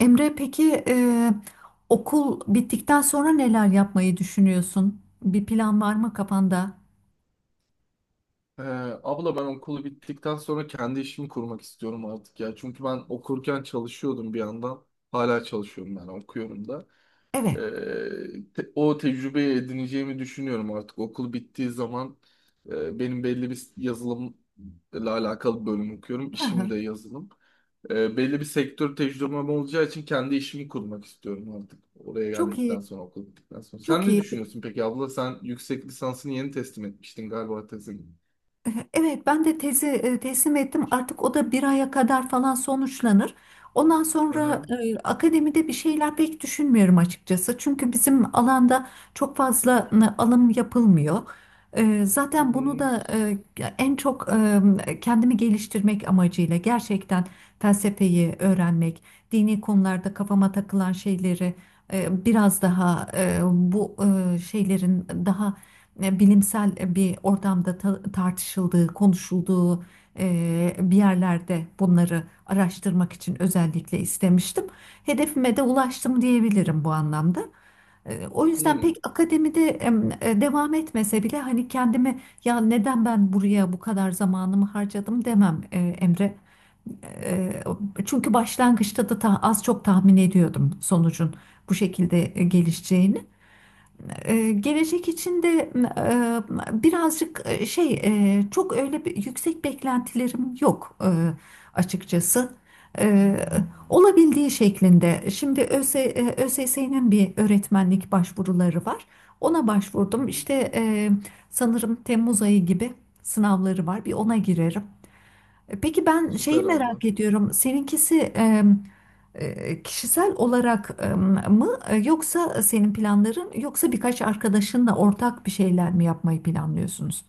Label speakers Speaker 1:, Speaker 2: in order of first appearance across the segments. Speaker 1: Emre peki okul bittikten sonra neler yapmayı düşünüyorsun? Bir plan var mı kafanda?
Speaker 2: Ee, abla ben okulu bittikten sonra kendi işimi kurmak istiyorum artık ya. Çünkü ben okurken çalışıyordum bir yandan. Hala çalışıyorum yani okuyorum da. Ee,
Speaker 1: Evet,
Speaker 2: O tecrübeyi edineceğimi düşünüyorum artık. Okul bittiği zaman benim belli bir yazılımla alakalı bölüm okuyorum. İşim de yazılım. Belli bir sektör tecrübem olacağı için kendi işimi kurmak istiyorum artık. Oraya
Speaker 1: çok
Speaker 2: geldikten
Speaker 1: iyi,
Speaker 2: sonra okul bittikten sonra. Sen
Speaker 1: çok
Speaker 2: ne
Speaker 1: iyi.
Speaker 2: düşünüyorsun peki abla? Sen yüksek lisansını yeni teslim etmiştin galiba tezin.
Speaker 1: Evet, ben de tezi teslim ettim. Artık o da bir aya kadar falan sonuçlanır. Ondan sonra akademide bir şeyler pek düşünmüyorum açıkçası. Çünkü bizim alanda çok fazla alım yapılmıyor. Zaten
Speaker 2: Hı
Speaker 1: bunu
Speaker 2: hı.
Speaker 1: da en çok kendimi geliştirmek amacıyla gerçekten felsefeyi öğrenmek, dini konularda kafama takılan şeyleri biraz daha bu şeylerin daha bilimsel bir ortamda tartışıldığı, konuşulduğu bir yerlerde bunları araştırmak için özellikle istemiştim. Hedefime de ulaştım diyebilirim bu anlamda. O yüzden pek
Speaker 2: Hı
Speaker 1: akademide devam etmese bile hani kendimi ya neden ben buraya bu kadar zamanımı harcadım demem Emre. E, Çünkü başlangıçta da az çok tahmin ediyordum sonucun bu şekilde gelişeceğini. Gelecek için de birazcık çok öyle bir yüksek beklentilerim yok, açıkçası. E, Olabildiği şeklinde. Şimdi ÖSS'nin bir öğretmenlik başvuruları var. Ona başvurdum.
Speaker 2: hı.
Speaker 1: İşte sanırım Temmuz ayı gibi sınavları var. Bir
Speaker 2: Hı
Speaker 1: ona
Speaker 2: hı.
Speaker 1: girerim. Peki ben şeyi
Speaker 2: Süper abla.
Speaker 1: merak ediyorum. Seninkisi kişisel olarak mı yoksa senin planların yoksa birkaç arkadaşınla ortak bir şeyler mi yapmayı planlıyorsunuz?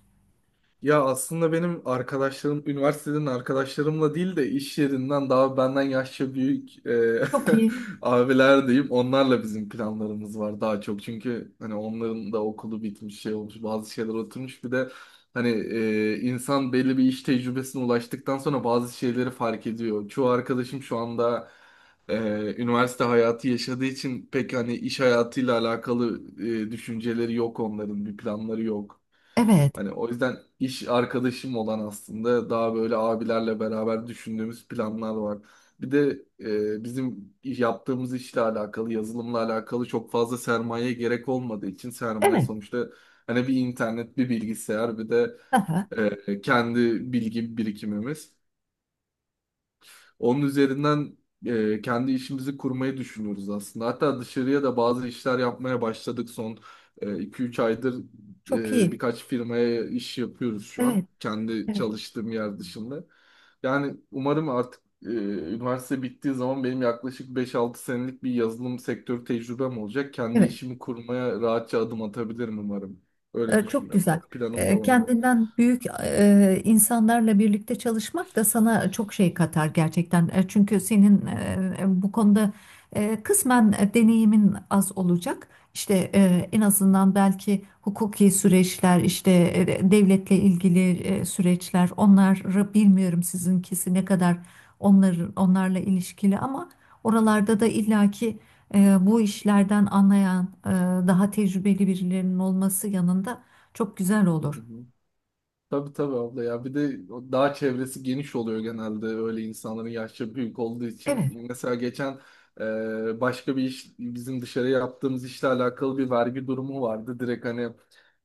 Speaker 2: Ya aslında benim arkadaşlarım, üniversiteden arkadaşlarımla değil de iş yerinden daha benden yaşça büyük
Speaker 1: Çok iyi.
Speaker 2: abiler diyeyim. Onlarla bizim planlarımız var daha çok. Çünkü hani onların da okulu bitmiş şey olmuş, bazı şeyler oturmuş. Bir de hani insan belli bir iş tecrübesine ulaştıktan sonra bazı şeyleri fark ediyor. Çoğu arkadaşım şu anda e, üniversite hayatı yaşadığı için pek hani iş hayatıyla alakalı düşünceleri yok onların, bir planları yok.
Speaker 1: Evet.
Speaker 2: Hani o yüzden iş arkadaşım olan aslında daha böyle abilerle beraber düşündüğümüz planlar var. Bir de bizim yaptığımız işle alakalı, yazılımla alakalı çok fazla sermaye gerek olmadığı için sermaye
Speaker 1: Evet.
Speaker 2: sonuçta hani bir internet, bir bilgisayar, bir de
Speaker 1: Aha,
Speaker 2: kendi bilgi birikimimiz. Onun üzerinden kendi işimizi kurmayı düşünüyoruz aslında. Hatta dışarıya da bazı işler yapmaya başladık son 2-3 aydır
Speaker 1: çok iyi.
Speaker 2: birkaç firmaya iş yapıyoruz şu an.
Speaker 1: Evet.
Speaker 2: Kendi
Speaker 1: Evet.
Speaker 2: çalıştığım yer dışında. Yani umarım artık üniversite bittiği zaman benim yaklaşık beş-altı senelik bir yazılım sektörü tecrübem olacak. Kendi
Speaker 1: Evet.
Speaker 2: işimi kurmaya rahatça adım atabilirim umarım. Öyle
Speaker 1: Çok
Speaker 2: düşünüyorum.
Speaker 1: güzel.
Speaker 2: Planım da o yönde.
Speaker 1: Kendinden büyük insanlarla birlikte çalışmak da sana çok şey katar gerçekten. Çünkü senin bu konuda kısmen deneyimin az olacak. İşte en azından belki hukuki süreçler, işte devletle ilgili süreçler, onları bilmiyorum sizinkisi ne kadar onlarla ilişkili ama oralarda da illaki bu işlerden anlayan, daha tecrübeli birilerinin olması yanında çok güzel
Speaker 2: Hı
Speaker 1: olur.
Speaker 2: hı. Tabii tabii abla ya bir de o dağ çevresi geniş oluyor genelde öyle insanların yaşça büyük olduğu
Speaker 1: Evet,
Speaker 2: için. Mesela geçen başka bir iş bizim dışarı yaptığımız işle alakalı bir vergi durumu vardı. Direkt hani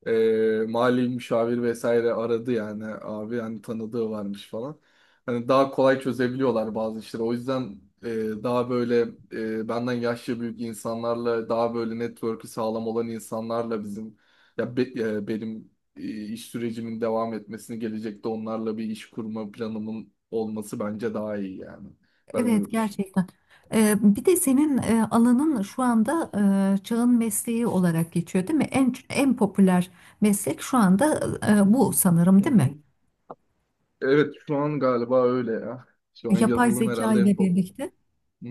Speaker 2: mali müşavir vesaire aradı yani abi hani tanıdığı varmış falan. Hani daha kolay çözebiliyorlar bazı işleri. O yüzden daha böyle benden yaşça büyük insanlarla daha böyle network'ü sağlam olan insanlarla bizim benim iş sürecimin devam etmesini gelecekte onlarla bir iş kurma planımın olması bence daha iyi yani. Ben
Speaker 1: evet
Speaker 2: öyle düşünüyorum.
Speaker 1: gerçekten. Bir de senin alanın şu anda çağın mesleği olarak geçiyor, değil mi? En popüler meslek şu anda bu sanırım,
Speaker 2: Hı
Speaker 1: değil
Speaker 2: hı.
Speaker 1: mi?
Speaker 2: Evet şu an galiba öyle ya. Şu an
Speaker 1: Yapay
Speaker 2: yazılım
Speaker 1: zeka
Speaker 2: herhalde en
Speaker 1: ile
Speaker 2: pahalı.
Speaker 1: birlikte
Speaker 2: Hı.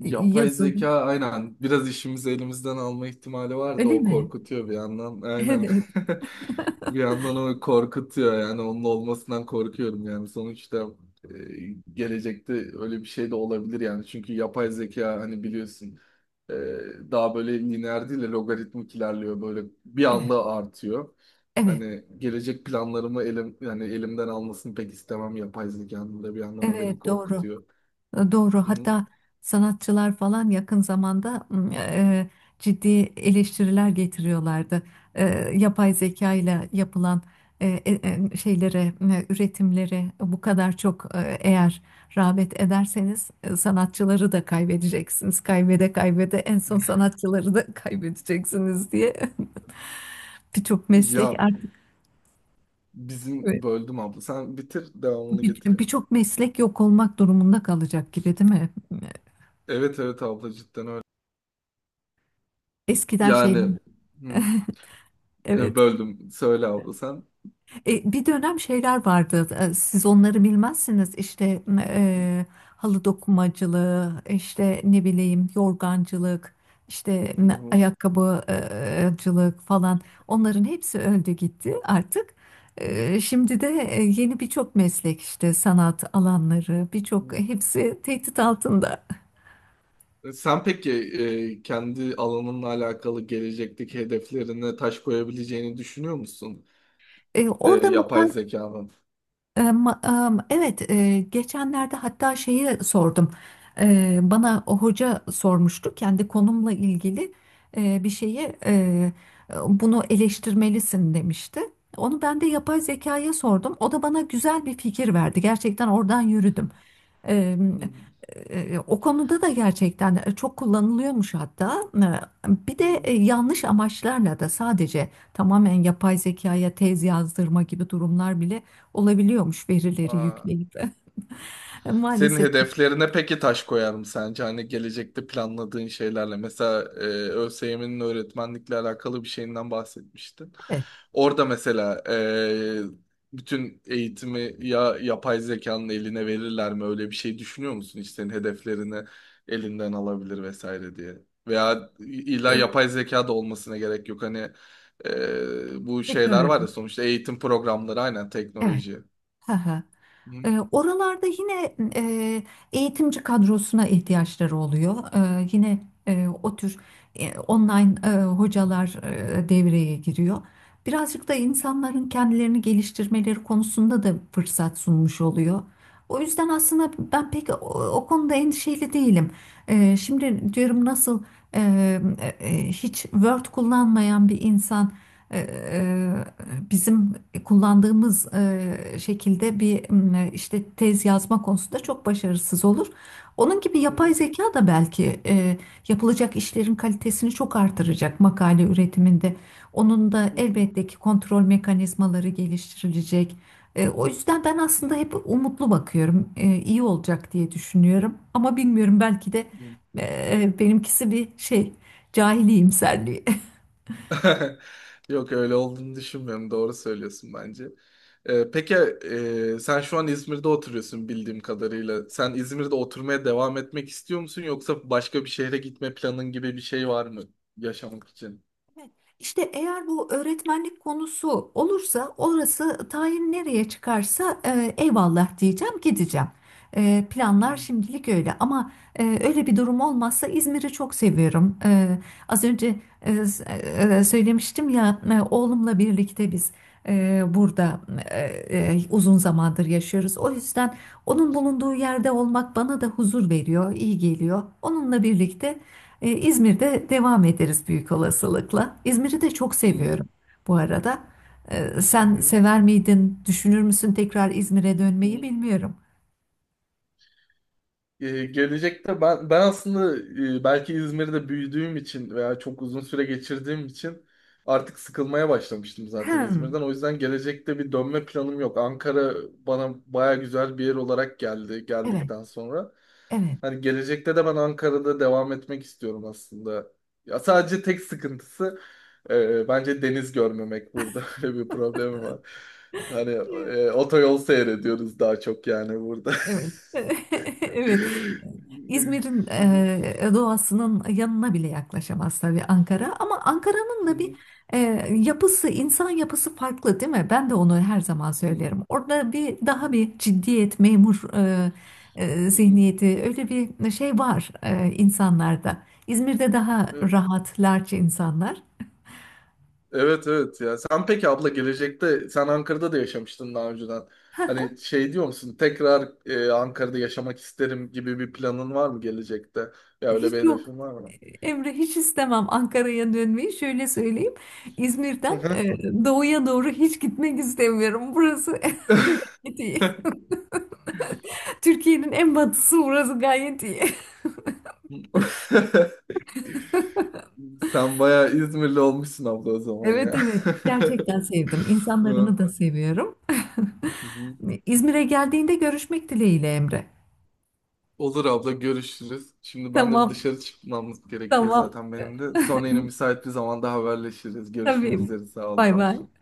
Speaker 1: yazılım,
Speaker 2: zeka aynen biraz işimizi elimizden alma ihtimali var da
Speaker 1: öyle
Speaker 2: o
Speaker 1: mi?
Speaker 2: korkutuyor bir yandan.
Speaker 1: Evet,
Speaker 2: Aynen.
Speaker 1: evet,
Speaker 2: Bir yandan o korkutuyor yani onun olmasından korkuyorum yani sonuçta gelecekte öyle bir şey de olabilir yani çünkü yapay zeka hani biliyorsun e, daha böyle lineer değil de logaritmik ilerliyor böyle bir anda artıyor.
Speaker 1: evet,
Speaker 2: Hani gelecek planlarımı elim yani elimden almasını pek istemem yapay zekanın da bir yandan o beni
Speaker 1: evet, doğru.
Speaker 2: korkutuyor.
Speaker 1: Doğru.
Speaker 2: Hı hı.
Speaker 1: Hatta sanatçılar falan yakın zamanda ciddi eleştiriler getiriyorlardı. E, Yapay zeka ile yapılan e, e, şeylere, üretimlere bu kadar çok eğer rağbet ederseniz sanatçıları da kaybedeceksiniz. Kaybede kaybede en son sanatçıları da kaybedeceksiniz diye. Birçok meslek
Speaker 2: Ya
Speaker 1: artık
Speaker 2: bizim
Speaker 1: evet,
Speaker 2: böldüm abla. Sen bitir devamını getireyim.
Speaker 1: birçok meslek yok olmak durumunda kalacak gibi değil mi?
Speaker 2: Evet evet abla cidden öyle.
Speaker 1: Eskiden
Speaker 2: Yani
Speaker 1: şeyler
Speaker 2: hı,
Speaker 1: Evet.
Speaker 2: Böldüm. Söyle abla sen.
Speaker 1: Bir dönem şeyler vardı. Siz onları bilmezsiniz. İşte halı dokumacılığı, işte ne bileyim yorgancılık, işte
Speaker 2: Hı hı.
Speaker 1: ayakkabıcılık falan. Onların hepsi öldü gitti artık. Şimdi de yeni birçok meslek işte sanat alanları birçok hepsi tehdit altında.
Speaker 2: E, Sen peki kendi alanınla alakalı gelecekteki hedeflerine taş koyabileceğini düşünüyor musun? E,
Speaker 1: Orada mı?
Speaker 2: yapay zekanın.
Speaker 1: Evet, geçenlerde hatta şeyi sordum. Bana o hoca sormuştu kendi konumla ilgili bir şeyi bunu eleştirmelisin demişti. Onu ben de yapay zekaya sordum. O da bana güzel bir fikir verdi. Gerçekten oradan yürüdüm. Eee,
Speaker 2: Hı hı.
Speaker 1: O konuda da gerçekten çok kullanılıyormuş hatta. Bir
Speaker 2: Hı
Speaker 1: de
Speaker 2: hı.
Speaker 1: yanlış amaçlarla da sadece tamamen yapay zekaya tez yazdırma gibi durumlar bile olabiliyormuş verileri
Speaker 2: Aa,
Speaker 1: yükleyip.
Speaker 2: senin
Speaker 1: Maalesef
Speaker 2: hedeflerine peki taş koyar mı sence? Hani gelecekte planladığın şeylerle. Mesela ÖSYM'nin öğretmenlikle alakalı bir şeyinden bahsetmiştin.
Speaker 1: evet,
Speaker 2: Orada mesela bütün eğitimi ya yapay zekanın eline verirler mi? Öyle bir şey düşünüyor musun? İşte senin hedeflerini elinden alabilir vesaire diye. Veya illa
Speaker 1: e,
Speaker 2: yapay zeka da olmasına gerek yok. Hani bu şeyler var ya
Speaker 1: teknoloji.
Speaker 2: sonuçta eğitim programları aynen
Speaker 1: Evet.
Speaker 2: teknoloji.
Speaker 1: Hı hı.
Speaker 2: Hı
Speaker 1: Oralarda yine eğitimci kadrosuna ihtiyaçları oluyor. Yine o tür online hocalar devreye giriyor. Birazcık da insanların kendilerini geliştirmeleri konusunda da fırsat sunmuş oluyor. O yüzden aslında ben pek o konuda endişeli değilim. Şimdi diyorum nasıl e, hiç Word kullanmayan bir insan ee, bizim kullandığımız şekilde bir işte tez yazma konusunda çok başarısız olur. Onun gibi
Speaker 2: hı
Speaker 1: yapay zeka da belki yapılacak işlerin kalitesini çok artıracak makale üretiminde. Onun da
Speaker 2: hı
Speaker 1: elbette ki kontrol mekanizmaları geliştirilecek. O yüzden ben aslında hep umutlu bakıyorum. İyi olacak diye düşünüyorum. Ama bilmiyorum belki de
Speaker 2: hı.
Speaker 1: e, benimkisi bir şey cahili imserliği.
Speaker 2: Yok öyle olduğunu düşünmüyorum. Doğru söylüyorsun bence. Peki sen şu an İzmir'de oturuyorsun bildiğim kadarıyla. Sen İzmir'de oturmaya devam etmek istiyor musun yoksa başka bir şehre gitme planın gibi bir şey var mı yaşamak için?
Speaker 1: Evet. İşte eğer bu öğretmenlik konusu olursa orası tayin nereye çıkarsa eyvallah diyeceğim gideceğim. Planlar
Speaker 2: Hmm.
Speaker 1: şimdilik öyle ama öyle bir durum olmazsa İzmir'i çok seviyorum. Az önce söylemiştim ya oğlumla birlikte biz burada e, uzun zamandır yaşıyoruz. O yüzden onun bulunduğu yerde olmak bana da huzur veriyor, iyi geliyor. Onunla birlikte. İzmir'de devam ederiz büyük olasılıkla. İzmir'i de çok seviyorum
Speaker 2: Hmm.
Speaker 1: bu arada.
Speaker 2: Hı
Speaker 1: Sen
Speaker 2: hı.
Speaker 1: sever miydin, düşünür müsün tekrar İzmir'e dönmeyi
Speaker 2: Hı.
Speaker 1: bilmiyorum.
Speaker 2: Gelecekte ben aslında belki İzmir'de büyüdüğüm için veya çok uzun süre geçirdiğim için artık sıkılmaya başlamıştım zaten
Speaker 1: Hmm.
Speaker 2: İzmir'den. O yüzden gelecekte bir dönme planım yok. Ankara bana baya güzel bir yer olarak geldi
Speaker 1: Evet,
Speaker 2: geldikten sonra.
Speaker 1: evet.
Speaker 2: Hani gelecekte de ben Ankara'da devam etmek istiyorum aslında. Ya sadece tek sıkıntısı bence deniz görmemek burada. Öyle bir problemim var. Hani otoyol seyrediyoruz daha çok yani burada.
Speaker 1: Evet. Evet. İzmir'in doğasının yanına bile yaklaşamaz tabii Ankara ama Ankara'nın da bir e, yapısı, insan yapısı farklı değil mi? Ben de onu her zaman söylerim. Orada bir daha bir ciddiyet, memur
Speaker 2: Evet
Speaker 1: zihniyeti öyle bir şey var insanlarda. İzmir'de daha rahat, larç insanlar.
Speaker 2: evet evet ya. Sen peki abla gelecekte sen Ankara'da da yaşamıştın daha önceden. Hani şey diyor musun tekrar Ankara'da yaşamak isterim gibi bir planın var mı gelecekte? Ya öyle bir
Speaker 1: Hiç yok
Speaker 2: hedefin var mı?
Speaker 1: Emre hiç istemem Ankara'ya dönmeyi. Şöyle söyleyeyim.
Speaker 2: Hı
Speaker 1: İzmir'den
Speaker 2: hı.
Speaker 1: doğuya doğru hiç gitmek istemiyorum. Burası gayet iyi. Türkiye'nin en batısı burası gayet iyi.
Speaker 2: Sen bayağı İzmirli olmuşsun abla o zaman
Speaker 1: Evet
Speaker 2: ya.
Speaker 1: evet gerçekten sevdim.
Speaker 2: Hı
Speaker 1: İnsanlarını da seviyorum.
Speaker 2: hı.
Speaker 1: İzmir'e geldiğinde görüşmek dileğiyle Emre.
Speaker 2: Olur abla görüşürüz. Şimdi ben de bir
Speaker 1: Tamam
Speaker 2: dışarı çıkmamız gerekiyor
Speaker 1: tamam.
Speaker 2: zaten benim de. Sonra yine müsait bir zamanda haberleşiriz. Görüşmek
Speaker 1: Tabii.
Speaker 2: üzere. Sağ ol
Speaker 1: Bay bay.
Speaker 2: konuşun.